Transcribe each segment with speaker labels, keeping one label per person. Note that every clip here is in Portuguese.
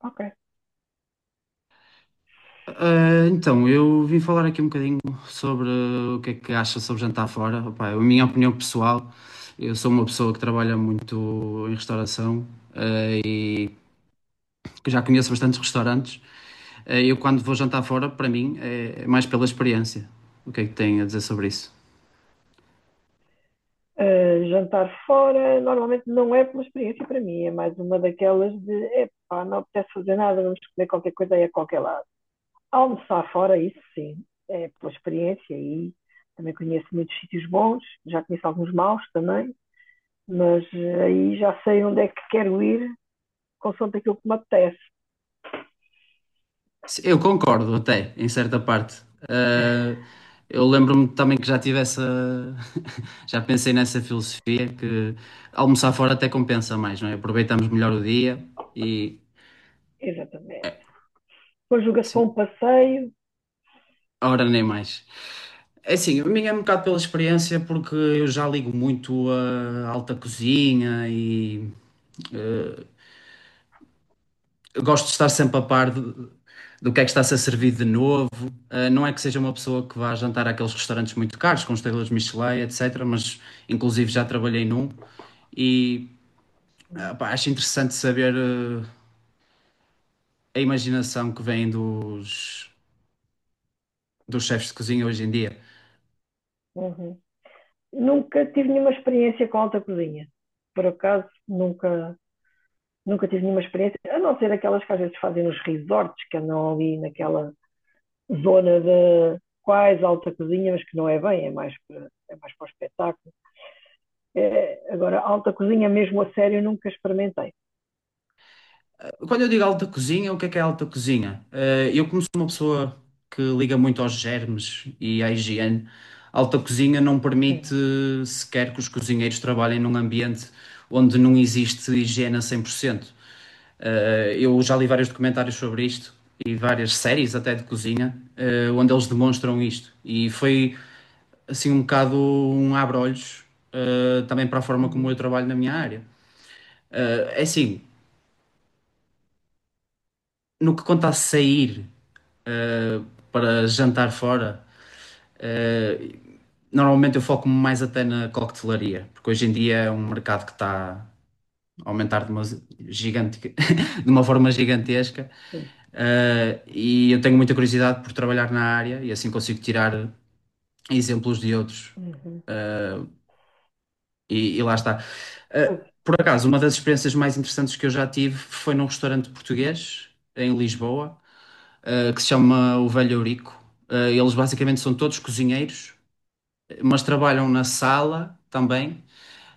Speaker 1: Ok.
Speaker 2: Eu vim falar aqui um bocadinho sobre o que é que acha sobre jantar fora. Opa, é a minha opinião pessoal, eu sou uma pessoa que trabalha muito em restauração, ah, e que já conheço bastantes restaurantes. Eu, quando vou jantar fora, para mim, é mais pela experiência. O que é que tem a dizer sobre isso?
Speaker 1: Jantar fora normalmente não é uma experiência para mim, é mais uma daquelas de epá, não apetece fazer nada, vamos comer qualquer coisa aí a qualquer lado. Almoçar fora, isso sim, é pela experiência e também conheço muitos sítios bons, já conheço alguns maus também, mas aí já sei onde é que quero ir, consoante aquilo que me apetece.
Speaker 2: Sim, eu concordo até, em certa parte. Ah, eu lembro-me também que já tive essa. Já pensei nessa filosofia que almoçar fora até compensa mais, não é? Aproveitamos melhor o dia e.
Speaker 1: Exatamente. Conjuga-se com um
Speaker 2: Sim,
Speaker 1: passeio.
Speaker 2: a hora nem mais. É assim, a minha é um bocado pela experiência, porque eu já ligo muito a alta cozinha e. ah, eu gosto de estar sempre a par do, do que é que está a ser servido de novo. Não é que seja uma pessoa que vá jantar àqueles restaurantes muito caros, com estrelas Michelin, etc. Mas, inclusive, já trabalhei num e pá, acho interessante saber a imaginação que vem dos, dos chefes de cozinha hoje em dia.
Speaker 1: Uhum. Nunca tive nenhuma experiência com alta cozinha. Por acaso, nunca, nunca tive nenhuma experiência, a não ser aquelas que às vezes fazem nos resorts, que andam ali naquela zona de quase alta cozinha, mas que não é bem, é mais para o espetáculo. É, agora, alta cozinha mesmo a sério nunca experimentei.
Speaker 2: Quando eu digo alta cozinha, o que é alta cozinha? Eu, como sou uma pessoa que liga muito aos germes e à higiene, alta cozinha não permite sequer que os cozinheiros trabalhem num ambiente onde não existe higiene a 100%. Eu já li vários documentários sobre isto e várias séries até de cozinha, onde eles demonstram isto. E foi assim um bocado um abre-olhos, também para a forma como eu
Speaker 1: Uhum.
Speaker 2: trabalho na minha área. É assim, no que conta a sair eh, para jantar fora, eh, normalmente eu foco-me mais até na coquetelaria, porque hoje em dia é um mercado que está a aumentar de uma, gigante, de uma forma gigantesca. E eu tenho muita curiosidade por trabalhar na área e assim consigo tirar exemplos de outros.
Speaker 1: Uhum.
Speaker 2: E lá está.
Speaker 1: Mas,
Speaker 2: Por acaso, uma das experiências mais interessantes que eu já tive foi num restaurante português em Lisboa, que se chama O Velho Eurico. Eles basicamente são todos cozinheiros, mas trabalham na sala também.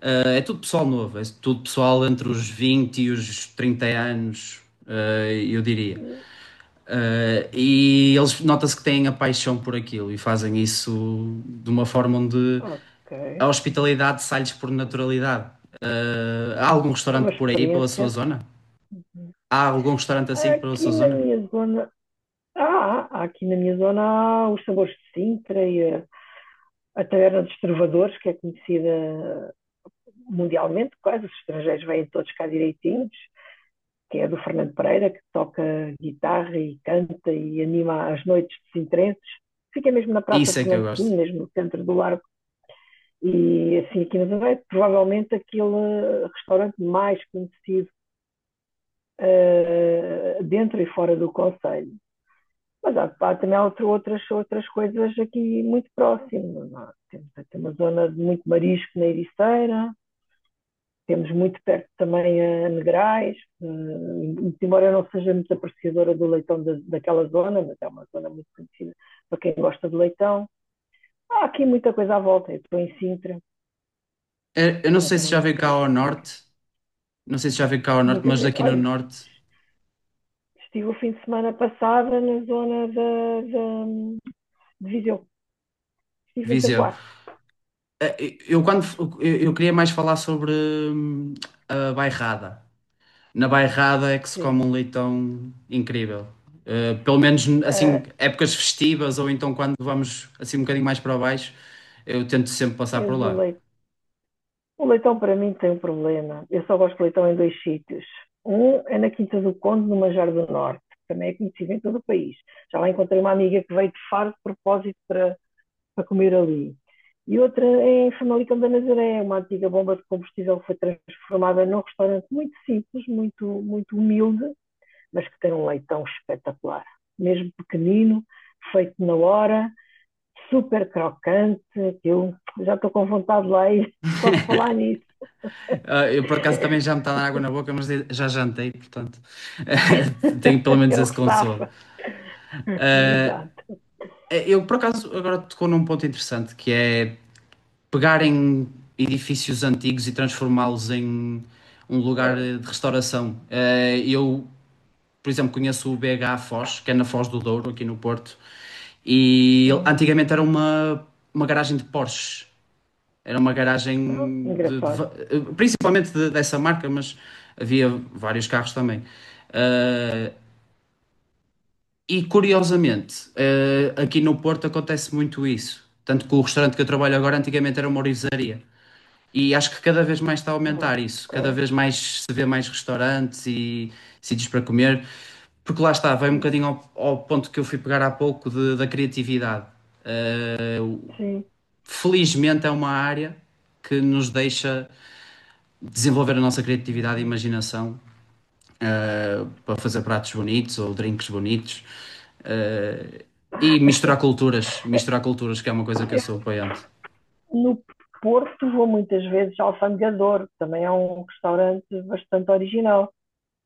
Speaker 2: É tudo pessoal novo, é tudo pessoal entre os 20 e os 30 anos, eu diria. E eles nota-se que têm a paixão por aquilo e fazem isso de uma forma onde
Speaker 1: ok.
Speaker 2: a hospitalidade sai-lhes por naturalidade. Há algum
Speaker 1: É uma
Speaker 2: restaurante por aí, pela sua
Speaker 1: experiência.
Speaker 2: zona? Há algum restaurante assim pela sua
Speaker 1: Aqui na
Speaker 2: zona?
Speaker 1: minha zona. Ah, aqui na minha zona há os sabores de Sintra e a Taverna dos Trovadores, que é conhecida mundialmente quase, os estrangeiros vêm todos cá direitinhos, que é do Fernando Pereira, que toca guitarra e canta e anima as noites de Sintrenses. Fica mesmo na Praça
Speaker 2: Isso é que eu
Speaker 1: Fernando
Speaker 2: gosto.
Speaker 1: II, mesmo no centro do Largo. E assim, aqui na Zona provavelmente aquele restaurante mais conhecido dentro e fora do Conselho. Mas há, há também outras coisas aqui muito próximas. Temos uma zona de muito marisco na Ericeira. Temos muito perto também a Negrais, embora eu não seja muito apreciadora do leitão da, daquela zona, mas é uma zona muito conhecida para quem gosta de leitão. Há aqui muita coisa à volta. Eu estou em Sintra,
Speaker 2: Eu
Speaker 1: é
Speaker 2: não
Speaker 1: uma
Speaker 2: sei se
Speaker 1: zona
Speaker 2: já
Speaker 1: muito
Speaker 2: veio cá ao
Speaker 1: turística.
Speaker 2: norte, não sei se já veio cá ao norte,
Speaker 1: Muitas
Speaker 2: mas
Speaker 1: vezes,
Speaker 2: aqui no
Speaker 1: olha,
Speaker 2: norte,
Speaker 1: estive o fim de semana passada na zona de Viseu, estive em
Speaker 2: Viseu.
Speaker 1: Tamboaço.
Speaker 2: Eu, quando eu queria mais falar sobre a bairrada. Na bairrada é que se come
Speaker 1: Sim.
Speaker 2: um leitão incrível. Pelo menos
Speaker 1: Uh,
Speaker 2: assim, épocas festivas ou então quando vamos assim um bocadinho mais para baixo, eu tento sempre passar
Speaker 1: eu
Speaker 2: por
Speaker 1: do
Speaker 2: lá.
Speaker 1: leite O leitão para mim tem um problema. Eu só gosto de leitão em dois sítios. Um é na Quinta do Conde, no Manjar do Norte, que também é conhecido em todo o país. Já lá encontrei uma amiga que veio de Faro de propósito para, para comer ali. E outra é em Famalicão da Nazaré, uma antiga bomba de combustível que foi transformada num restaurante muito simples, muito, muito humilde, mas que tem um leitão espetacular. Mesmo pequenino, feito na hora, super crocante. Eu já estou com vontade lá e só de falar nisso.
Speaker 2: Eu por acaso também já me está a dar água na boca, mas já jantei, portanto tenho pelo menos
Speaker 1: É o
Speaker 2: esse
Speaker 1: que
Speaker 2: consolo.
Speaker 1: safa. Exato.
Speaker 2: Eu por acaso agora tocou num ponto interessante que é pegarem edifícios antigos e transformá-los em um lugar
Speaker 1: É.
Speaker 2: de restauração. Eu, por exemplo, conheço o BH Foz, que é na Foz do Douro, aqui no Porto, e
Speaker 1: Uhum.
Speaker 2: antigamente era uma garagem de Porsche. Era uma
Speaker 1: Ah,
Speaker 2: garagem de
Speaker 1: engraçado.
Speaker 2: principalmente dessa marca, mas havia vários carros também. E curiosamente, aqui no Porto acontece muito isso. Tanto que o restaurante que eu trabalho agora antigamente era uma orivesaria. E acho que cada vez mais está a
Speaker 1: Ah,
Speaker 2: aumentar isso, cada
Speaker 1: ok.
Speaker 2: vez mais se vê mais restaurantes e sítios para comer, porque lá está, vai um
Speaker 1: Uhum.
Speaker 2: bocadinho ao, ao ponto que eu fui pegar há pouco da criatividade.
Speaker 1: Sim.
Speaker 2: Felizmente é uma área que nos deixa desenvolver a nossa criatividade e
Speaker 1: Uhum.
Speaker 2: imaginação, para fazer pratos bonitos ou drinks bonitos, eh, e misturar culturas, que é uma coisa que eu sou apoiante.
Speaker 1: No Porto vou muitas vezes ao Alfandegador, também é um restaurante bastante original.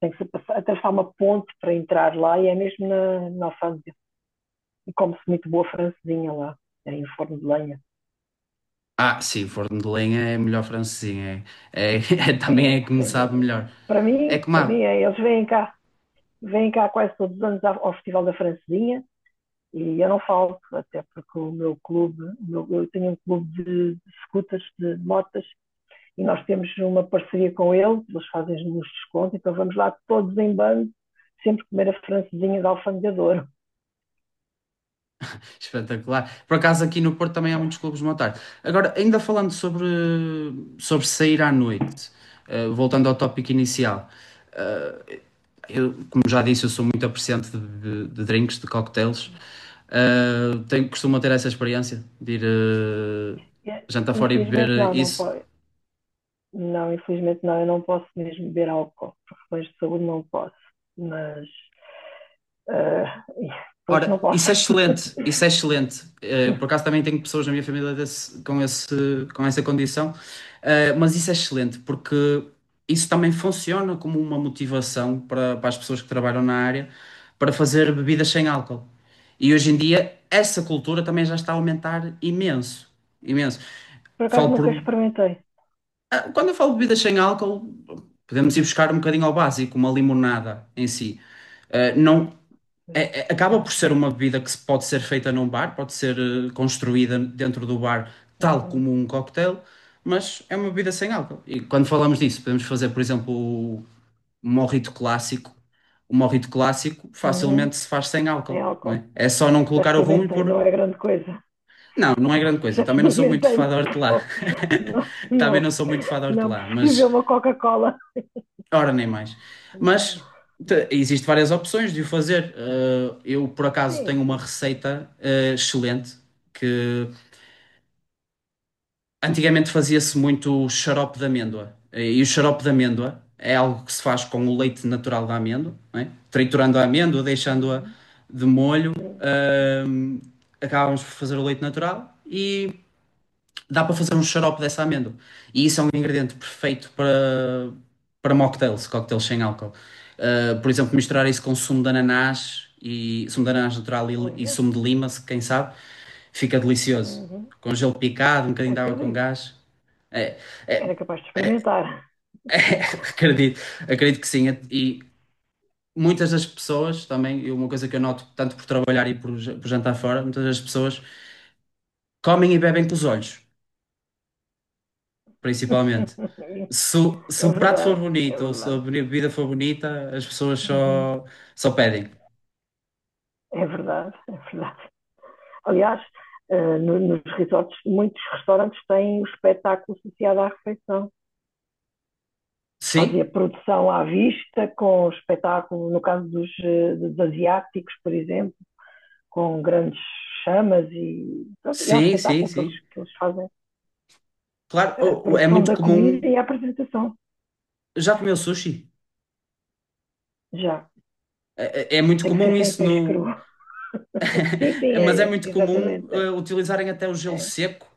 Speaker 1: Tem que se passar, atravessar uma ponte para entrar lá e é mesmo na, na alfândega. E come-se muito boa francesinha lá, é em forno de lenha.
Speaker 2: Ah, sim, forno de lenha é melhor francesinha. É, é- também é
Speaker 1: É,
Speaker 2: que me
Speaker 1: sem
Speaker 2: sabe
Speaker 1: dúvida.
Speaker 2: melhor. É que
Speaker 1: Para mim
Speaker 2: má,
Speaker 1: é, eles vêm cá quase todos os anos ao Festival da Francesinha e eu não falto, até porque o meu clube, o meu, eu tenho um clube de scooters, de motas, e nós temos uma parceria com eles, eles fazem-nos desconto, então vamos lá todos em bando, sempre comer a francesinha de Alfândega de Douro.
Speaker 2: espetacular. Por acaso aqui no Porto também há muitos clubes de boa tarde. Agora, ainda falando sobre, sobre sair à noite, voltando ao tópico inicial. Eu, como já disse, eu sou muito apreciante de, de drinks, de cocktails. Tenho, costumo ter essa experiência de ir jantar fora e
Speaker 1: Infelizmente
Speaker 2: beber
Speaker 1: não, não
Speaker 2: isso.
Speaker 1: pode. Não, infelizmente não, eu não posso mesmo beber álcool, por questões de saúde não posso, mas uh, pois não
Speaker 2: Ora,
Speaker 1: posso.
Speaker 2: isso é excelente, isso é excelente. Por acaso também tenho pessoas na minha família com esse, com essa condição. Mas isso é excelente porque isso também funciona como uma motivação para, para as pessoas que trabalham na área para fazer bebidas sem álcool. E hoje em dia essa cultura também já está a aumentar imenso, imenso.
Speaker 1: Por acaso
Speaker 2: Falo
Speaker 1: nunca
Speaker 2: por,
Speaker 1: experimentei.
Speaker 2: quando eu falo de bebidas sem álcool, podemos ir buscar um bocadinho ao básico, uma limonada em si. Não, acaba
Speaker 1: Uhum.
Speaker 2: por ser uma bebida que se pode ser feita num bar, pode ser construída dentro do bar, tal
Speaker 1: Uhum.
Speaker 2: como um cocktail, mas é uma bebida sem álcool. E quando falamos disso, podemos fazer, por exemplo, o mojito clássico. O mojito clássico
Speaker 1: Uhum,
Speaker 2: facilmente se faz sem
Speaker 1: sem
Speaker 2: álcool, não
Speaker 1: álcool.
Speaker 2: é? É só não
Speaker 1: Já
Speaker 2: colocar o rum e
Speaker 1: experimentei, não
Speaker 2: pôr.
Speaker 1: é grande coisa.
Speaker 2: Não, não é grande coisa.
Speaker 1: Já
Speaker 2: Também não sou muito
Speaker 1: experimentei,
Speaker 2: fã de
Speaker 1: mas
Speaker 2: hortelã.
Speaker 1: não, não,
Speaker 2: Também não
Speaker 1: não,
Speaker 2: sou muito fã de
Speaker 1: não
Speaker 2: hortelã,
Speaker 1: prefiro ver
Speaker 2: mas
Speaker 1: uma Coca-Cola.
Speaker 2: ora, nem mais. Mas existe várias opções de o fazer. Eu, por acaso,
Speaker 1: Sim,
Speaker 2: tenho uma
Speaker 1: sim.
Speaker 2: receita, excelente, que antigamente fazia-se muito xarope de amêndoa. E o xarope de amêndoa é algo que se faz com o leite natural da amêndoa, não é? Triturando a amêndoa, deixando-a
Speaker 1: Uhum.
Speaker 2: de molho.
Speaker 1: Sim,
Speaker 2: eh, Acabamos por fazer o leite natural e dá para fazer um xarope dessa amêndoa. E isso é um ingrediente perfeito para, para mocktails, cocktails sem álcool. Por exemplo, misturar isso com sumo de ananás e sumo de ananás natural e
Speaker 1: olha,
Speaker 2: sumo de lima, quem sabe, fica delicioso.
Speaker 1: uhum,
Speaker 2: Com gelo picado, um bocadinho de água com
Speaker 1: acredito.
Speaker 2: gás. É, é-
Speaker 1: Era capaz de experimentar.
Speaker 2: é, acredito, acredito que sim. E muitas das pessoas também, e uma coisa que eu noto tanto por trabalhar e por, por jantar fora, muitas das pessoas comem e bebem com os olhos. Principalmente. Se, se
Speaker 1: É
Speaker 2: o prato for
Speaker 1: verdade, é
Speaker 2: bonito ou se a
Speaker 1: verdade.
Speaker 2: bebida for bonita, as pessoas
Speaker 1: Uhum.
Speaker 2: só, só pedem.
Speaker 1: É verdade, é verdade. Aliás, nos resorts, muitos restaurantes têm o espetáculo associado à refeição. Fazia
Speaker 2: Sim,
Speaker 1: produção à vista, com espetáculo, no caso dos asiáticos, por exemplo, com grandes chamas, e é um
Speaker 2: sim, sim,
Speaker 1: espetáculo que eles,
Speaker 2: sim.
Speaker 1: que eles fazem
Speaker 2: Claro,
Speaker 1: a
Speaker 2: é
Speaker 1: produção
Speaker 2: muito
Speaker 1: da
Speaker 2: comum.
Speaker 1: comida e a apresentação.
Speaker 2: Já comeu sushi?
Speaker 1: Já.
Speaker 2: É, é muito
Speaker 1: Tem que
Speaker 2: comum
Speaker 1: ser sem
Speaker 2: isso
Speaker 1: peixe cru.
Speaker 2: no.
Speaker 1: Sim, sim,
Speaker 2: Mas é
Speaker 1: é é
Speaker 2: muito comum
Speaker 1: exatamente, é,
Speaker 2: utilizarem até o gelo
Speaker 1: é,
Speaker 2: seco,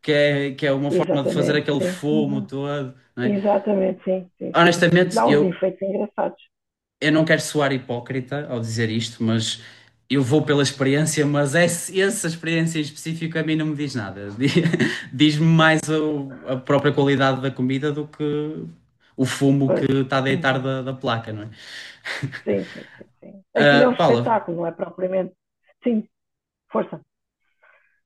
Speaker 2: que é uma forma de fazer
Speaker 1: exatamente,
Speaker 2: aquele
Speaker 1: sim.
Speaker 2: fumo
Speaker 1: Uhum.
Speaker 2: todo, não é?
Speaker 1: Exatamente, sim, sim, sim, sim,
Speaker 2: Honestamente,
Speaker 1: dá uns efeitos engraçados.
Speaker 2: eu não quero soar hipócrita ao dizer isto, mas eu vou pela experiência, mas essa experiência em específico a mim não me diz nada. Di- Diz-me mais a própria qualidade da comida do que o fumo que
Speaker 1: Pois.
Speaker 2: está a deitar
Speaker 1: Uhum.
Speaker 2: da, da placa, não é?
Speaker 1: Sim, sim, sim, sim, aquilo é um
Speaker 2: Ah, Paula,
Speaker 1: espetáculo, não é propriamente. Sim, força.